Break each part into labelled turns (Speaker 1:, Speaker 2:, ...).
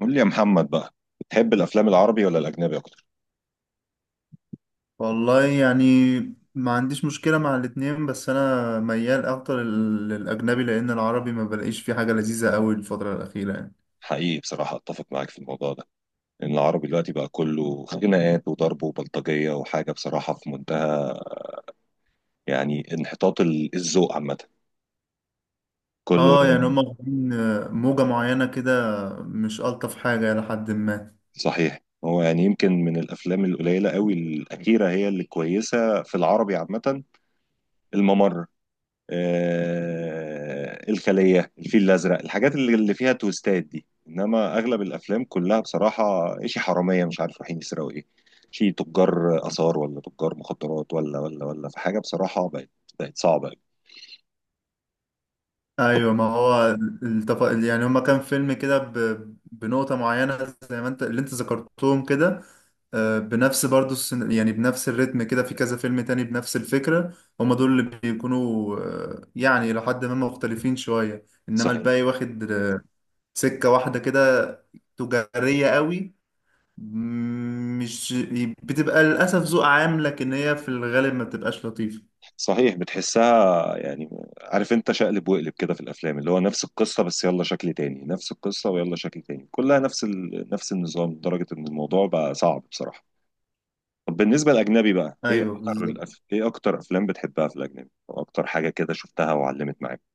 Speaker 1: قول لي يا محمد بقى، بتحب الافلام العربي ولا الاجنبي اكتر؟
Speaker 2: والله، يعني ما عنديش مشكلة مع الاتنين، بس أنا ميال أكتر للأجنبي، لأن العربي ما بلاقيش فيه حاجة لذيذة أوي الفترة الأخيرة، يعني.
Speaker 1: حقيقي بصراحه اتفق معاك في الموضوع ده، لان العربي دلوقتي بقى كله خناقات وضرب وبلطجيه وحاجه بصراحه في منتهى يعني انحطاط الذوق عامه، كله
Speaker 2: اه، يعني
Speaker 1: يعني.
Speaker 2: هما واخدين موجة معينة كده، مش ألطف حاجة إلى حد ما.
Speaker 1: صحيح، هو يعني يمكن من الافلام القليله قوي الاخيره هي اللي كويسه في العربي عامه. الممر، الخلية، الفيل الأزرق، الحاجات اللي فيها تويستات دي. إنما أغلب الأفلام كلها بصراحة إشي حرامية مش عارف رايحين يسرقوا إيه، شي تجار آثار ولا تجار مخدرات ولا في حاجة بصراحة بقت صعبة أوي. طب.
Speaker 2: ايوه، ما هو يعني هما، كان فيلم كده بنقطة معينة زي ما انت، اللي انت ذكرتهم كده. بنفس برضو يعني بنفس الريتم كده في كذا فيلم تاني بنفس الفكرة. هما دول اللي بيكونوا، يعني لحد ما مختلفين شوية، انما
Speaker 1: صحيح
Speaker 2: الباقي واخد سكة واحدة كده، تجارية قوي. مش بتبقى للأسف ذوق عام، لكن هي في الغالب ما بتبقاش لطيفة.
Speaker 1: صحيح، بتحسها يعني، عارف انت شقلب وقلب كده في الافلام اللي هو نفس القصه بس يلا شكل تاني، نفس القصه ويلا شكل تاني، كلها نفس النظام، لدرجه ان الموضوع بقى صعب بصراحه. طب بالنسبة للأجنبي بقى،
Speaker 2: ايوه، بالظبط.
Speaker 1: إيه أكتر أفلام بتحبها في الأجنبي؟ أو أكتر حاجة كده شفتها وعلمت معاك.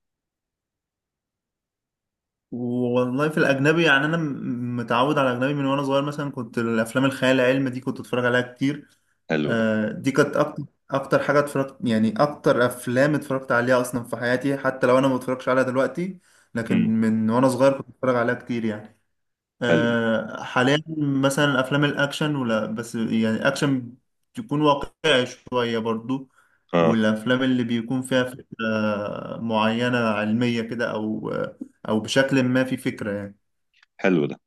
Speaker 2: والله، في الاجنبي، يعني انا متعود على الاجنبي من وانا صغير. مثلا كنت الافلام الخيال العلمي دي كنت اتفرج عليها كتير.
Speaker 1: حلو ده.
Speaker 2: دي كانت اكتر حاجه اتفرجت، يعني اكتر افلام اتفرجت عليها اصلا في حياتي، حتى لو انا ما بتفرجش عليها دلوقتي. لكن
Speaker 1: امم
Speaker 2: من وانا صغير كنت اتفرج عليها كتير يعني.
Speaker 1: حلو ده.
Speaker 2: حاليا مثلا افلام الاكشن، ولا بس يعني اكشن تكون واقعي شويه برضو.
Speaker 1: آه.
Speaker 2: والافلام اللي بيكون فيها فكره معينه علميه كده، او بشكل ما في فكره يعني.
Speaker 1: حلو ده.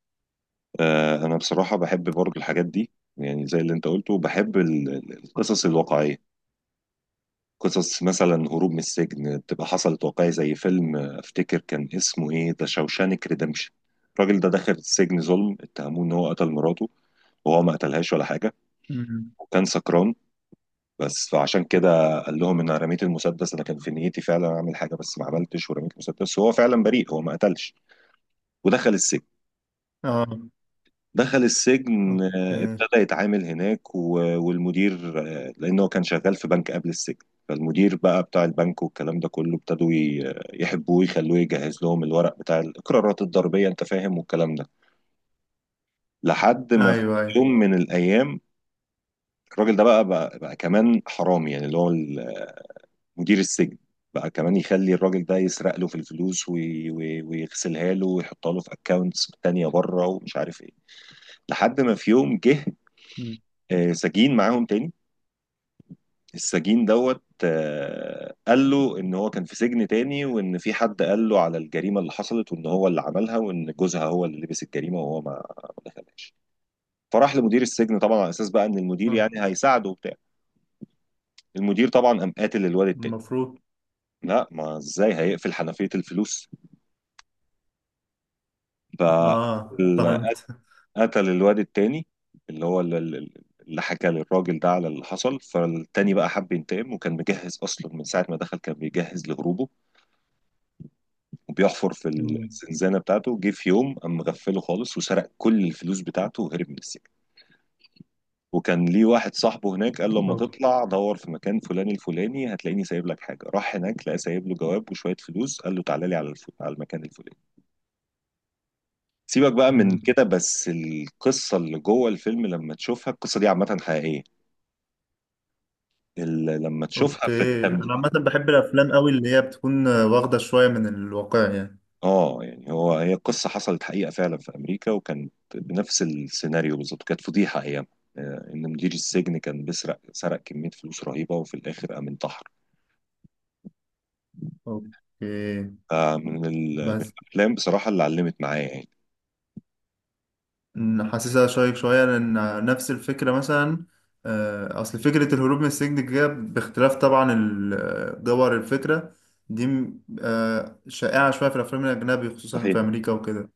Speaker 1: آه أنا بصراحة بحب برضو الحاجات دي، يعني زي اللي أنت قلته بحب القصص الواقعية، قصص مثلا هروب من السجن بتبقى حصلت واقعي زي فيلم، أفتكر كان اسمه إيه ده، شوشانك ريدمشن. الراجل ده دخل السجن ظلم، اتهموه إن هو قتل مراته وهو ما قتلهاش ولا حاجة،
Speaker 2: مم.
Speaker 1: وكان سكران، بس فعشان كده قال لهم ان انا رميت المسدس، انا كان في نيتي فعلا اعمل حاجه بس ما عملتش ورميت المسدس، وهو فعلا بريء، هو ما قتلش. ودخل السجن.
Speaker 2: اه.
Speaker 1: دخل السجن،
Speaker 2: اوكي.
Speaker 1: ابتدى يتعامل هناك والمدير، لانه كان شغال في بنك قبل السجن، فالمدير بقى بتاع البنك والكلام ده كله ابتدوا يحبوه، يخلوه يجهز لهم الورق بتاع الاقرارات الضريبيه، انت فاهم، والكلام ده. لحد ما في
Speaker 2: ايوه، ايوه.
Speaker 1: يوم من الايام الراجل ده بقى كمان حرامي، يعني اللي هو مدير السجن بقى كمان يخلي الراجل ده يسرق له في الفلوس ويغسلها له ويحطها له في اكونتس تانية بره ومش عارف ايه. لحد ما في يوم جه
Speaker 2: مم.
Speaker 1: سجين معاهم تاني، السجين دوت، قال له ان هو كان في سجن تاني وان في حد قال له على الجريمة اللي حصلت وان هو اللي عملها، وان جوزها هو اللي لبس الجريمة وهو ما دخلهاش. فراح لمدير السجن طبعا على اساس بقى ان المدير
Speaker 2: آه،
Speaker 1: يعني هيساعده وبتاع. المدير طبعا قام قاتل الواد التاني.
Speaker 2: المفروض.
Speaker 1: لا، ما ازاي هيقفل حنفية الفلوس؟ ف
Speaker 2: اه، فهمت.
Speaker 1: قتل الواد التاني، اللي هو اللي حكى للراجل ده على اللي حصل. فالتاني بقى حب ينتقم، وكان مجهز اصلا من ساعه ما دخل كان بيجهز لهروبه وبيحفر في
Speaker 2: مم.
Speaker 1: الزنزانه بتاعته. جه في يوم قام مغفله خالص وسرق كل الفلوس بتاعته وهرب من السجن. وكان ليه واحد صاحبه هناك قال له لما
Speaker 2: أو-
Speaker 1: تطلع دور في مكان فلاني الفلاني هتلاقيني سايب لك حاجه. راح هناك لقى سايب له جواب وشويه فلوس، قال له تعالى لي على على المكان الفلاني. سيبك بقى من
Speaker 2: مم.
Speaker 1: كده، بس القصه اللي جوه الفيلم لما تشوفها، القصه دي عامه حقيقيه، لما تشوفها في
Speaker 2: اوكي، انا
Speaker 1: التمثيل.
Speaker 2: عامه بحب الافلام قوي اللي هي بتكون واخده شويه من الواقع يعني.
Speaker 1: اه يعني هو هي قصة حصلت حقيقة فعلا في أمريكا وكانت بنفس السيناريو بالظبط، كانت فضيحة أيام. إن مدير السجن كان بيسرق، سرق كمية فلوس رهيبة وفي الآخر قام انتحر.
Speaker 2: اوكي.
Speaker 1: فمن من
Speaker 2: بس
Speaker 1: الأفلام بصراحة اللي علمت معايا يعني.
Speaker 2: حاسسها شيق شوية، لأن نفس الفكرة مثلا، أصل فكرة الهروب من السجن دي، باختلاف طبعا جوهر الفكرة دي، م، آه، شائعة شوية في الأفلام الأجنبي، خصوصا في
Speaker 1: صحيح
Speaker 2: أمريكا وكده.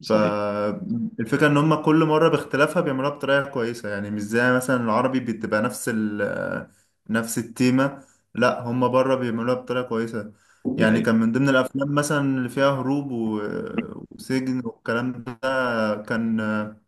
Speaker 1: صحيح.
Speaker 2: فالفكرة إن هما كل مرة باختلافها بيعملوها بطريقة كويسة. يعني مش زي مثلا العربي، بتبقى نفس ال آه، نفس التيمة. لأ، هما بره بيعملوها بطريقة كويسة.
Speaker 1: دي
Speaker 2: يعني
Speaker 1: حقيقة.
Speaker 2: كان من ضمن الأفلام مثلا اللي فيها هروب وسجن والكلام ده. كان آه،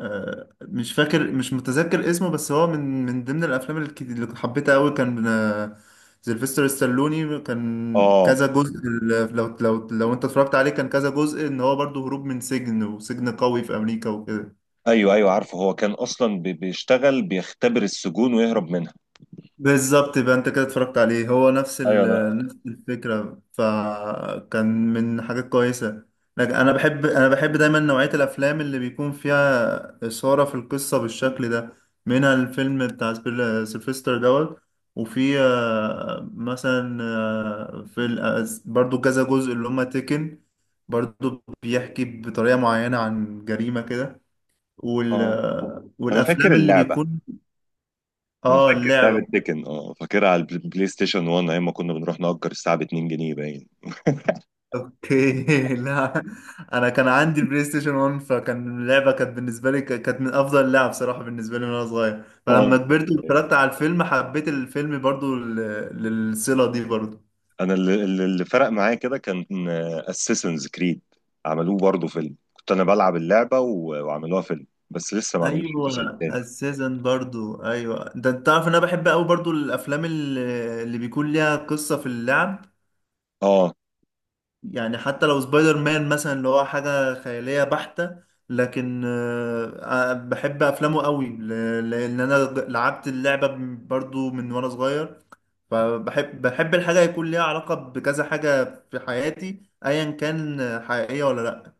Speaker 2: آه، مش متذكر اسمه، بس هو من ضمن الافلام، اللي حبيتها قوي. كان سيلفستر ستالوني، كان
Speaker 1: اه،
Speaker 2: كذا جزء. لو انت اتفرجت عليه، كان كذا جزء، ان هو برضه هروب من سجن، وسجن قوي في امريكا وكده.
Speaker 1: ايوه ايوه، عارفه هو كان اصلا بيشتغل بيختبر السجون ويهرب منها.
Speaker 2: بالظبط. يبقى انت كده اتفرجت عليه، هو
Speaker 1: ايوه
Speaker 2: نفس الفكرة، فكان من حاجات كويسة. لكن انا بحب دايما نوعية الافلام اللي بيكون فيها إثارة في القصة بالشكل ده، منها الفيلم بتاع سيلفستر دوت. وفي مثلا، في برضو كذا جزء اللي هما تيكن، برضو بيحكي بطريقة معينة عن جريمة كده.
Speaker 1: اه انا فاكر
Speaker 2: والافلام اللي
Speaker 1: اللعبه.
Speaker 2: بيكون.
Speaker 1: انا
Speaker 2: اه،
Speaker 1: فاكر لعبه
Speaker 2: اللعبة.
Speaker 1: تيكن، اه فاكرها على بلاي ستيشن 1، ايام ما كنا بنروح نأجر الساعه ب 2 جنيه باين.
Speaker 2: اوكي. لا. انا كان عندي البلاي ستيشن 1، فكان اللعبه كانت بالنسبه لي، كانت من افضل اللعب بصراحه بالنسبه لي وانا صغير.
Speaker 1: اه،
Speaker 2: فلما كبرت واتفرجت على الفيلم، حبيت الفيلم برضو للصله دي برضو.
Speaker 1: انا اللي فرق معايا كده كان اساسنز كريد، عملوه برضه فيلم، كنت انا بلعب اللعبه وعملوها فيلم بس لسه ما عملوش
Speaker 2: ايوه،
Speaker 1: الجزء الثاني.
Speaker 2: السيزن برضو. ايوه، ده انت تعرف ان انا بحب قوي برضو الافلام اللي بيكون ليها قصه في اللعب.
Speaker 1: اه.
Speaker 2: يعني حتى لو سبايدر مان مثلا، اللي هو حاجة خيالية بحتة، لكن بحب أفلامه قوي، لأن أنا لعبت اللعبة برضو من وأنا صغير. فبحب الحاجة يكون ليها علاقة بكذا حاجة في حياتي، أيا كان، حقيقية ولا لأ.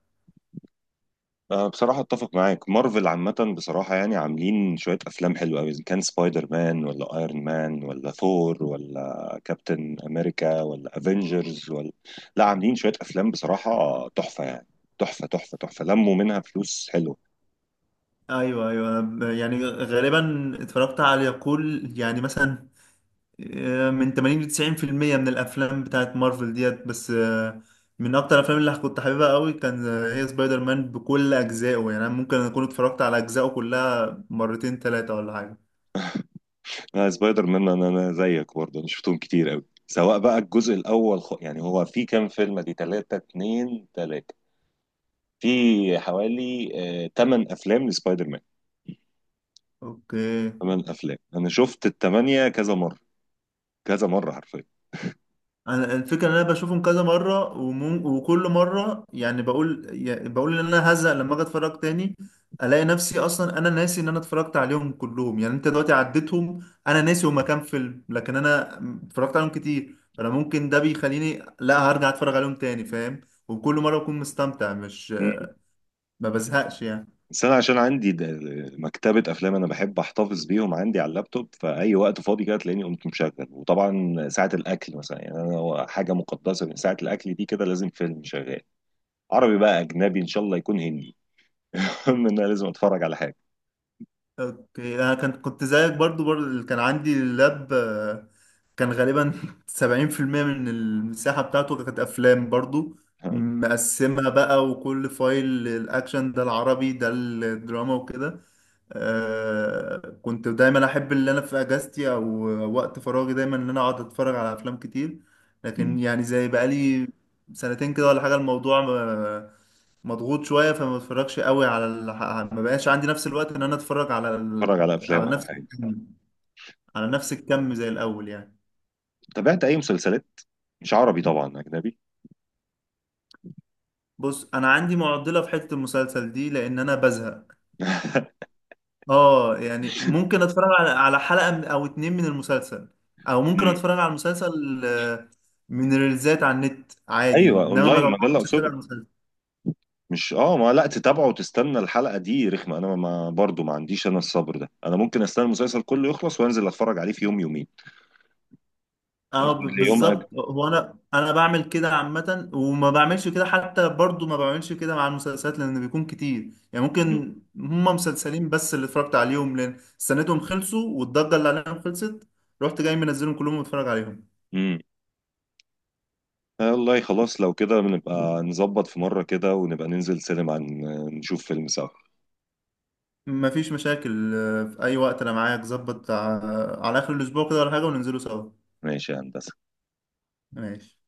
Speaker 1: أه بصراحة أتفق معاك، مارفل عامة بصراحة يعني عاملين شوية أفلام حلوة أوي، إذا كان سبايدر مان ولا أيرون مان ولا ثور ولا كابتن أمريكا ولا أفينجرز ولا، لا، عاملين شوية أفلام بصراحة تحفة يعني، تحفة تحفة تحفة، لموا منها فلوس حلوة.
Speaker 2: أيوه، أيوه. يعني غالبا اتفرجت على كل، يعني مثلا من 80 ل 90% من الافلام بتاعت مارفل ديت، بس من اكتر الافلام اللي كنت حاببها قوي، كان هي سبايدر مان بكل اجزائه. يعني أنا ممكن اكون اتفرجت على اجزائه كلها مرتين، ثلاثة، ولا حاجة.
Speaker 1: أنا سبايدر مان، أنا زيك برضه، أنا شفتهم كتير أوي، سواء بقى الجزء الأول، يعني هو في كام فيلم دي، تلاتة، اتنين تلاتة، في حوالي تمن أفلام لسبايدر مان.
Speaker 2: اوكي.
Speaker 1: تمن أفلام، أنا شفت التمانية كذا مرة، كذا مرة حرفيا.
Speaker 2: انا الفكره ان انا بشوفهم كذا مره وكل مره يعني، بقول ان انا هزهق لما اجي اتفرج تاني، الاقي نفسي اصلا انا ناسي ان انا اتفرجت عليهم كلهم. يعني انت دلوقتي عديتهم، انا ناسي هما كام فيلم، لكن انا اتفرجت عليهم كتير، فانا ممكن ده بيخليني لا هرجع اتفرج عليهم تاني، فاهم. وكل مره بكون مستمتع، مش
Speaker 1: مم.
Speaker 2: ما بزهقش يعني.
Speaker 1: بس أنا عشان عندي مكتبة أفلام، أنا بحب أحتفظ بيهم عندي على اللابتوب، فأي وقت فاضي كده تلاقيني قمت مشغل، وطبعا ساعة الأكل مثلا، يعني أنا هو حاجة مقدسة من ساعة الأكل دي كده، لازم فيلم شغال، عربي بقى أجنبي إن شاء الله يكون هندي. المهم إن أنا لازم أتفرج على حاجة.
Speaker 2: اوكي. انا كنت زيك برضو، كان عندي اللاب، كان غالبا. 70% من المساحة بتاعته كانت افلام برضو، مقسمها بقى، وكل فايل الاكشن، ده العربي، ده الدراما، وكده. آه، كنت دايما احب اللي انا في اجازتي او وقت فراغي دايما ان انا اقعد اتفرج على افلام كتير. لكن
Speaker 1: مم.
Speaker 2: يعني زي بقالي سنتين كده ولا حاجة، الموضوع مضغوط شويه، فما بتفرجش قوي ما بقاش عندي نفس الوقت ان انا اتفرج
Speaker 1: أتفرج على أفلام
Speaker 2: على
Speaker 1: أو
Speaker 2: نفس
Speaker 1: حاجة.
Speaker 2: الكم على نفس الكم زي الاول يعني.
Speaker 1: تابعت أي مسلسلات؟ مش عربي طبعا، أجنبي.
Speaker 2: بص، انا عندي معضله في حته المسلسل دي، لان انا بزهق. اه، يعني ممكن اتفرج على حلقه او اتنين من المسلسل، او ممكن
Speaker 1: مم.
Speaker 2: اتفرج على المسلسل من ريلزات على النت عادي،
Speaker 1: أيوه
Speaker 2: انما
Speaker 1: أونلاين،
Speaker 2: ما
Speaker 1: مجلة
Speaker 2: مش اتابع
Speaker 1: أقصد.
Speaker 2: المسلسل.
Speaker 1: مش ما لا تتابعه وتستنى الحلقة دي رخمة. انا ما برضو ما عنديش انا الصبر ده، انا ممكن استنى المسلسل كله يخلص وانزل اتفرج عليه في يوم يومين. اخد
Speaker 2: اه،
Speaker 1: لي يوم اجل.
Speaker 2: بالظبط. هو انا بعمل كده عامه، وما بعملش كده، حتى برضو ما بعملش كده مع المسلسلات، لان بيكون كتير. يعني ممكن هما مسلسلين بس اللي اتفرجت عليهم، لان استنيتهم خلصوا والضجه اللي عليهم خلصت، رحت جاي منزلهم كلهم واتفرج عليهم.
Speaker 1: امم. والله خلاص لو كده بنبقى نظبط في مرة كده ونبقى ننزل سينما نشوف فيلم سوا.
Speaker 2: مفيش مشاكل. في اي وقت انا معاك، ظبط على اخر الاسبوع كده ولا حاجه، وننزلوا سوا.
Speaker 1: ماشي يا هندسة.
Speaker 2: ماشي.